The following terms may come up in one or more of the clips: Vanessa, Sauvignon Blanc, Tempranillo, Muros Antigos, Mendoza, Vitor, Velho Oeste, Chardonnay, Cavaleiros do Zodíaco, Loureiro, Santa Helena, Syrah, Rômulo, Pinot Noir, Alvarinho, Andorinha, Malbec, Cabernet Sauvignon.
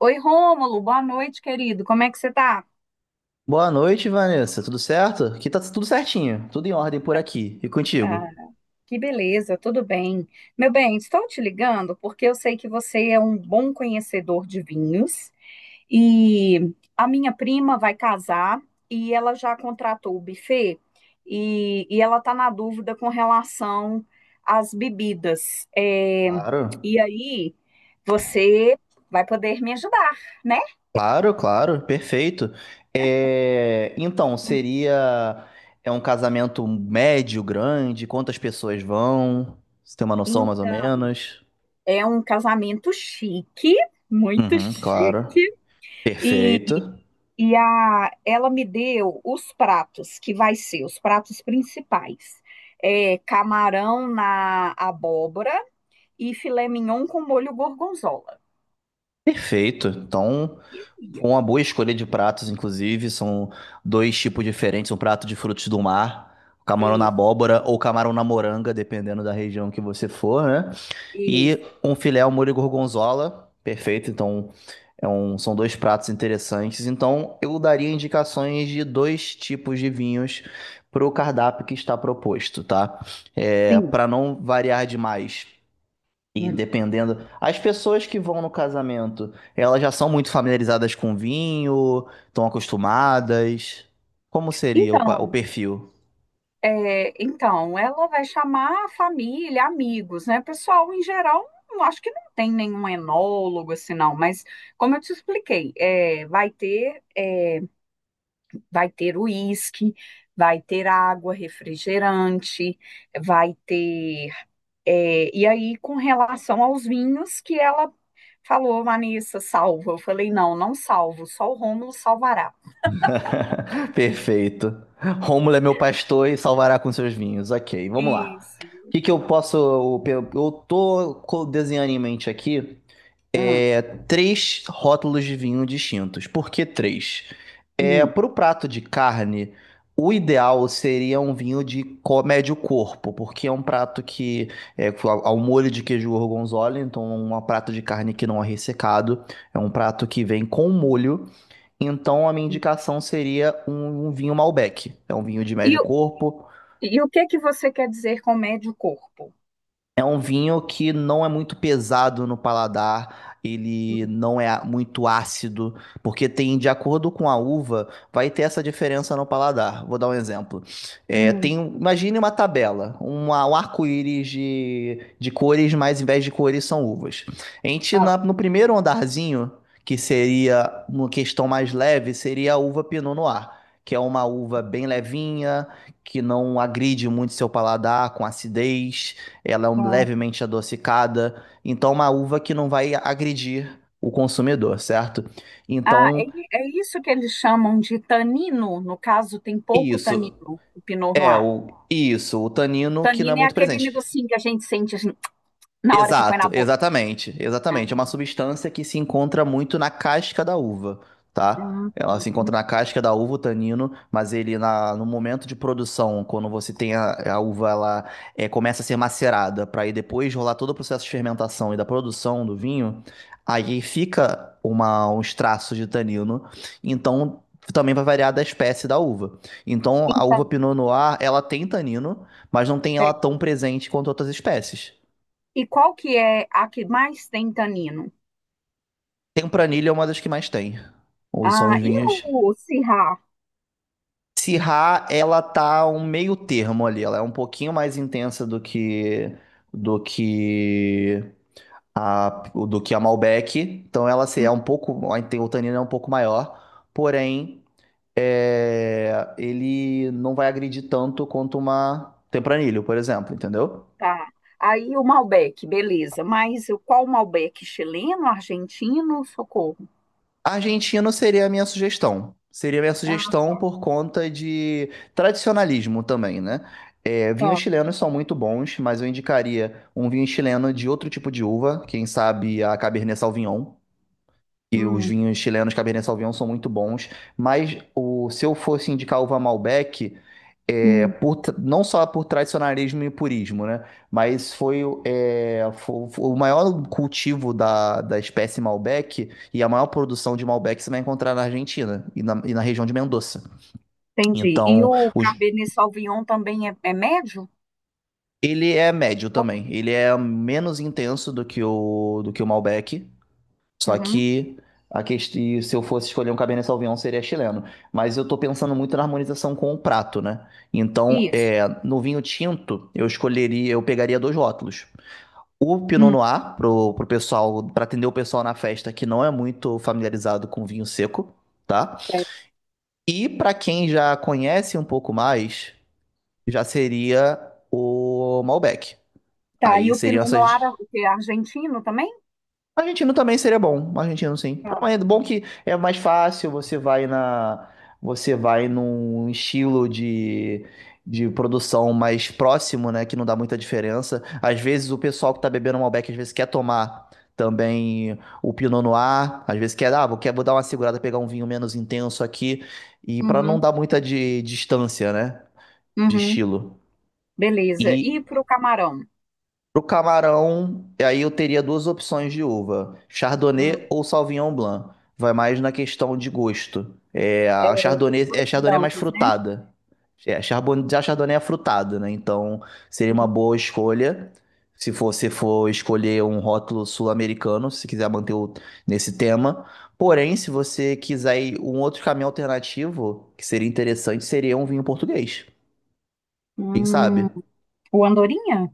Oi, Rômulo, boa noite, querido. Como é que você tá? Boa noite, Vanessa. Tudo certo? Aqui tá tudo certinho, tudo em ordem por aqui. E contigo? Ah, que beleza, tudo bem. Meu bem, estou te ligando porque eu sei que você é um bom conhecedor de vinhos e a minha prima vai casar e ela já contratou o buffet e ela está na dúvida com relação às bebidas. Claro, E aí, você vai poder me ajudar, né? claro, claro, perfeito. Então, seria é um casamento médio, grande? Quantas pessoas vão? Você tem uma noção mais ou Então, menos? é um casamento chique, muito Uhum, chique. claro. E, Perfeito. Ela me deu os pratos que vai ser, os pratos principais. É, camarão na abóbora e filé mignon com molho gorgonzola. Perfeito. Então, foi Isso, uma boa escolha de pratos, inclusive. São dois tipos diferentes: um prato de frutos do mar, camarão na isso, abóbora ou camarão na moranga, dependendo da região que você for, né? E isso, um filé ao molho gorgonzola, perfeito. Então, são dois pratos interessantes. Então, eu daria indicações de dois tipos de vinhos para o cardápio que está proposto, tá? Sim. Para não variar demais. E Hum. dependendo. As pessoas que vão no casamento, elas já são muito familiarizadas com vinho, estão acostumadas. Como seria o Então, perfil? Então, ela vai chamar a família, amigos, né? Pessoal, em geral, não, acho que não tem nenhum enólogo assim, não, mas como eu te expliquei, Vai ter uísque, vai ter água, refrigerante, vai ter. E aí, com relação aos vinhos, que ela falou, Vanessa, salva. Eu falei, não, não salvo, só o Rômulo salvará. Perfeito. Rômulo é meu pastor e salvará com seus vinhos. Ok, vamos lá. Isso. O que que eu posso. Eu tô desenhando em mente aqui, Hum, três rótulos de vinho distintos. Por que três? É, hum. para o prato de carne, o ideal seria um vinho de médio corpo, porque é um prato que é ao molho de queijo gorgonzola, então é um prato de carne que não é ressecado, é um prato que vem com molho, então a minha indicação seria um vinho Malbec. É um vinho de E, médio o- corpo. e o que que você quer dizer com médio corpo? É um vinho que não é muito pesado no paladar, ele não é muito ácido, porque tem, de acordo com a uva, vai ter essa diferença no paladar. Vou dar um exemplo. Hum. Imagine uma tabela, um arco-íris de cores, mas em vez de cores são uvas. A gente, Ah, no primeiro andarzinho, que seria uma questão mais leve, seria a uva Pinot Noir, que é uma uva bem levinha, que não agride muito seu paladar com acidez. Ela é tá. levemente adocicada, então é uma uva que não vai agredir o consumidor, certo? Então, É isso que eles chamam de tanino. No caso, tem pouco isso. tanino, o Pinot Noir. O tanino que não é Tanino é muito aquele presente. negocinho que a gente sente na hora que põe Exato, na boca. Ah, exatamente. É uma substância que se encontra muito na casca da uva, tá? Ela se entendi. encontra na casca da uva, o tanino, mas no momento de produção, quando você tem a uva, ela começa a ser macerada, para aí depois rolar todo o processo de fermentação e da produção do vinho, aí fica uns traços de tanino, então também vai variar da espécie da uva. Então a uva Então, Pinot Noir, ela tem tanino, mas não tem ela tem. tão presente quanto outras espécies. E qual que é a que mais tem tanino? Tempranilha é uma das que mais tem. Ou são Ah, os e vinhos. o Syrah? Syrah, ela tá um meio termo ali. Ela é um pouquinho mais intensa do que do que a Malbec. Então ela assim, é Hum, um pouco, o tanino é um pouco maior, porém, ele não vai agredir tanto quanto uma Tempranillo, por exemplo, entendeu? tá. Aí o Malbec, beleza. Mas o- qual Malbec? Chileno, argentino? Socorro. Argentina seria a minha sugestão. Seria a minha Ah, sugestão tá, por conta de tradicionalismo também, né? É, vinhos tá. chilenos são muito bons, mas eu indicaria um vinho chileno de outro tipo de uva, quem sabe a Cabernet Sauvignon. E os Hum, vinhos chilenos Cabernet Sauvignon são muito bons, mas se eu fosse indicar uva Malbec, hum, por não só por tradicionalismo e purismo, né? Mas foi, o maior cultivo da espécie Malbec e a maior produção de Malbec você vai encontrar na Argentina e na região de Mendoza. entendi. E Então, o Cabernet Sauvignon também é médio? ele é médio também. Ele é menos intenso do que o Malbec. Só Uhum, que a questão, se eu fosse escolher um Cabernet Sauvignon, seria chileno. Mas eu tô pensando muito na harmonização com o prato, né? Então, isso. é, no vinho tinto, eu pegaria dois rótulos. O Pinot Hum, Noir, pro pessoal, para atender o pessoal na festa que não é muito familiarizado com vinho seco, tá? é. E para quem já conhece um pouco mais, já seria o Malbec. Tá, e Aí o seriam Pinot essas, Noir é o quê? Argentino também? Argentino também seria bom, argentino sim. Ah, Tá. é bom que é mais fácil, você vai num estilo de produção mais próximo, né, que não dá muita diferença. Às vezes o pessoal que tá bebendo Malbec, às vezes quer tomar também o Pinot Noir, às vezes quer, ah, vou dar uma segurada, pegar um vinho menos intenso aqui, e para não Uhum, dar muita distância, né, de uhum, estilo. beleza. E E para o camarão? Pro camarão, e aí eu teria duas opções de uva: Chardonnay Hum. ou Sauvignon Blanc. Vai mais na questão de gosto. É, os A dois Chardonnay é mais brancos, né? frutada. Já a Chardonnay é frutada, né? Então seria uma boa escolha. Se você for escolher um rótulo sul-americano, se quiser manter nesse tema. Porém, se você quiser ir um outro caminho alternativo, que seria interessante, seria um vinho português. Quem Hum, sabe? hum. O Andorinha?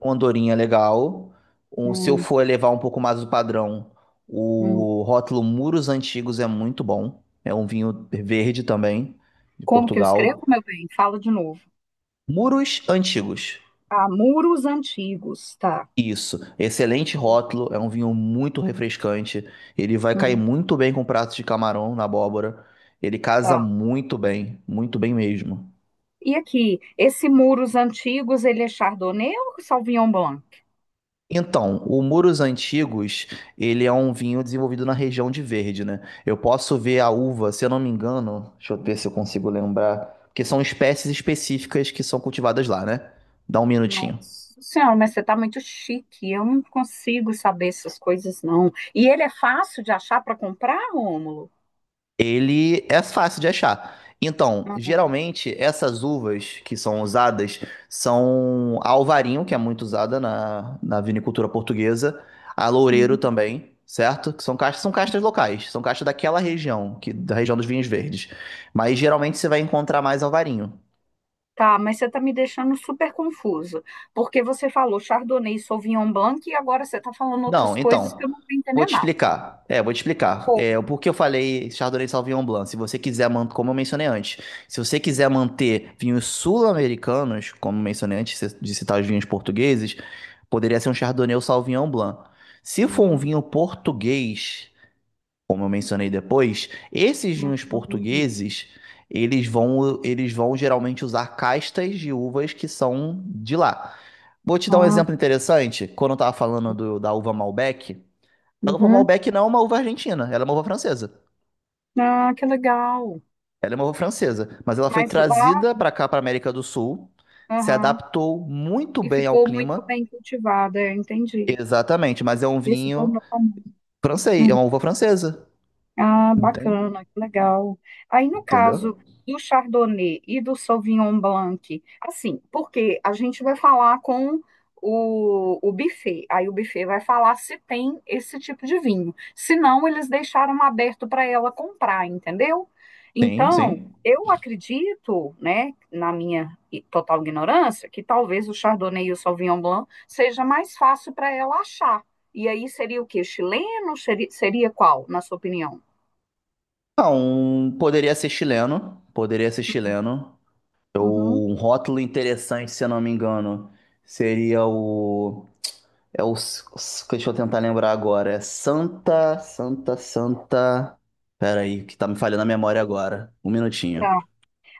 Uma andorinha legal. Se eu Hum, for elevar um pouco mais o padrão, hum. o rótulo Muros Antigos é muito bom. É um vinho verde também, de Como que eu escrevo, Portugal. meu bem? Fala de novo. Muros Antigos. Ah, muros antigos, tá. Isso, excelente rótulo, é um vinho muito refrescante. Ele vai cair Uhum, muito bem com pratos de camarão na abóbora. Ele casa tá. Muito bem mesmo. E aqui, esse muros antigos, ele é Chardonnay ou Sauvignon Blanc? Então, o Muros Antigos, ele é um vinho desenvolvido na região de Verde, né? Eu posso ver a uva, se eu não me engano, deixa eu ver se eu consigo lembrar, porque são espécies específicas que são cultivadas lá, né? Dá um minutinho. Nossa senhora, mas você tá muito chique. Eu não consigo saber essas coisas, não. E ele é fácil de achar para comprar, Rômulo? Ele é fácil de achar. Então, geralmente, essas uvas que são usadas são a Alvarinho, que é muito usada na vinicultura portuguesa, a Loureiro Uhum. também, certo? Que são castas locais, são castas daquela região, da região dos vinhos verdes. Mas geralmente você vai encontrar mais Alvarinho. Tá, mas você tá me deixando super confusa, porque você falou Chardonnay, Sauvignon Blanc e agora você tá falando Não, outras coisas então, que eu não tô vou entendendo te nada. explicar. Pô, É, o porquê eu falei Chardonnay Sauvignon Blanc. Se você quiser manter, como eu mencionei antes, se você quiser manter vinhos sul-americanos, como eu mencionei antes de citar os vinhos portugueses, poderia ser um Chardonnay ou Sauvignon Blanc. Se for um hum, vinho português, como eu mencionei depois, esses hum, vinhos hum, portugueses, eles vão geralmente usar castas de uvas que são de lá. Vou te dar um ah, exemplo interessante. Quando eu estava falando da uva Malbec, a uva uhum. Malbec não é uma uva argentina, ela é uma uva francesa. Ah, que legal. Ela é uma uva francesa, mas ela foi Mas lá, trazida para cá, para América do Sul, se aham, adaptou muito e bem ao ficou muito clima. bem cultivada, eu entendi. Exatamente, mas é um Esse vinho tornou famoso. francês, é uma uva francesa. Ah, Entende? bacana, que legal. Aí, no caso Entendeu? do Chardonnay e do Sauvignon Blanc, assim, porque a gente vai falar com o buffet, aí o buffet vai falar se tem esse tipo de vinho. Se não, eles deixaram aberto para ela comprar, entendeu? Sim, Então, sim. eu acredito, né, na minha i- total ignorância, que talvez o Chardonnay e o Sauvignon Blanc seja mais fácil para ela achar. E aí seria o quê? Chileno? Seria seria qual, na sua opinião? Não, poderia ser chileno. Uhum. Um rótulo interessante, se eu não me engano, seria o, deixa eu tentar lembrar agora, é Santa. Pera aí, que tá me falhando a memória agora. Um minutinho. Tá.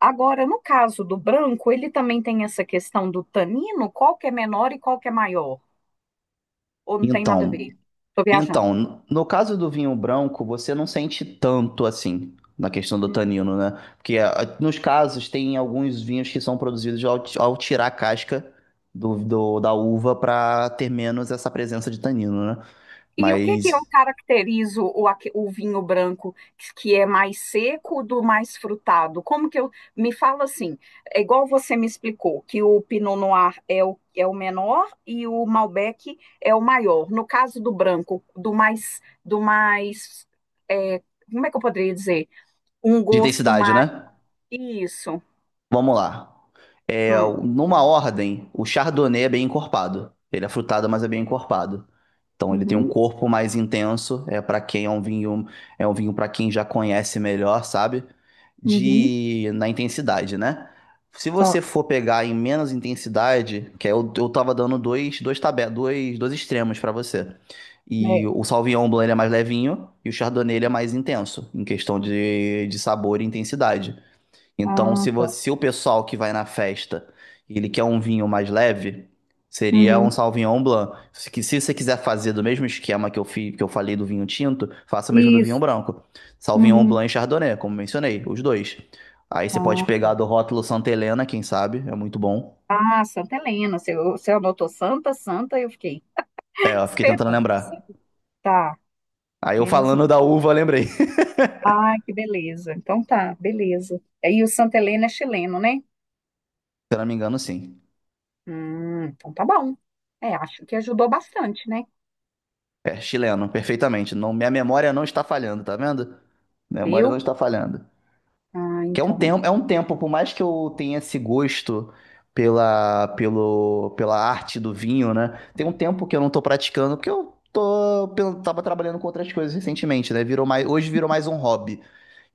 Agora, no caso do branco, ele também tem essa questão do tanino, qual que é menor e qual que é maior? Ou não tem nada a Então, ver? Estou viajando. Então, no caso do vinho branco, você não sente tanto assim na questão do Hum. tanino, né? Porque nos casos tem alguns vinhos que são produzidos ao tirar a casca da uva para ter menos essa presença de tanino, né? E o que que eu Mas caracterizo o, aque- o vinho branco que é mais seco do mais frutado? Como que eu me fala assim? É igual você me explicou que o Pinot Noir é o, é o menor e o Malbec é o maior. No caso do branco, do mais é, como é que eu poderia dizer? Um de gosto intensidade, mais né? isso. Vamos lá. É, Hum. numa ordem, o Chardonnay é bem encorpado. Ele é frutado, mas é bem encorpado. Então ele tem um Uhum, corpo mais intenso, é para quem é um vinho para quem já conhece melhor, sabe? uhum, De na intensidade, né? Se tá. você for pegar em menos intensidade, que é eu, eu tava dando dois extremos para você. E É. o Sauvignon Blanc ele é mais levinho e o Chardonnay ele é mais intenso em questão de sabor e intensidade. Então, Ah, tá. Se o pessoal que vai na festa, ele quer um vinho mais leve, seria um Uhum. Sauvignon Blanc. Se você quiser fazer do mesmo esquema que eu fiz, que eu falei do vinho tinto, faça o mesmo do vinho Isso. branco. Sauvignon Uhum. Blanc e Chardonnay, como mencionei, os dois. Aí você pode Ah, pegar do tá. rótulo Santa Helena, quem sabe, é muito bom. Ah, Santa Helena. Você, você anotou Santa, Santa, eu fiquei É, eu fiquei tentando esperando. lembrar. Tá. Aí eu Menos. falando da uva, eu lembrei. Se Ai, que beleza. Então tá, beleza. Aí o Santa Helena é chileno, né? eu não me engano, sim. Então tá bom. É, acho que ajudou bastante, né? É chileno, perfeitamente. Não, minha memória não está falhando, tá vendo? Memória Viu? não está falhando. Ah, Que então. É um tempo, por mais que eu tenha esse gosto pela arte do vinho, né? Tem um tempo que eu não tô praticando, porque eu tô, tava trabalhando com outras coisas recentemente, né? Virou mais, hoje virou mais um hobby.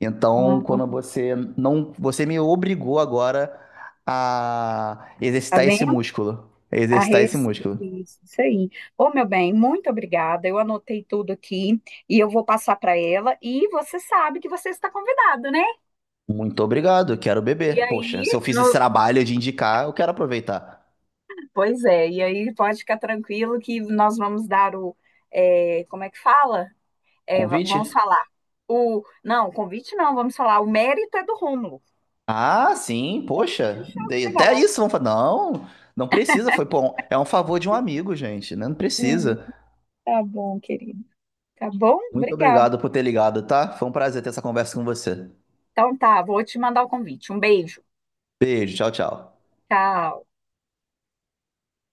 Então, Ah, quando você não, você me obrigou agora a tá exercitar esse vendo? músculo, A exercitar esse res... músculo. Isso aí. Ô, meu bem, muito obrigada. Eu anotei tudo aqui e eu vou passar para ela. E você sabe que você está convidado, né? Muito obrigado, eu quero E beber. Poxa, aí, se eu fiz esse no... trabalho de indicar, eu quero aproveitar. pois é, e aí pode ficar tranquilo que nós vamos dar o. Como é que fala? Vamos Convite? falar. O... Não, convite não, vamos falar. O mérito é do Rômulo. Ah, sim, O convite poxa, já até chegará. isso vão falar. Não, não precisa, foi bom. É um favor de um amigo, gente, né? Não Hum, precisa. tá bom, querido. Tá bom? Muito Obrigada. obrigado por ter ligado, tá? Foi um prazer ter essa conversa com você. Então tá, vou te mandar o convite. Um beijo. Beijo, tchau, tchau. Tchau.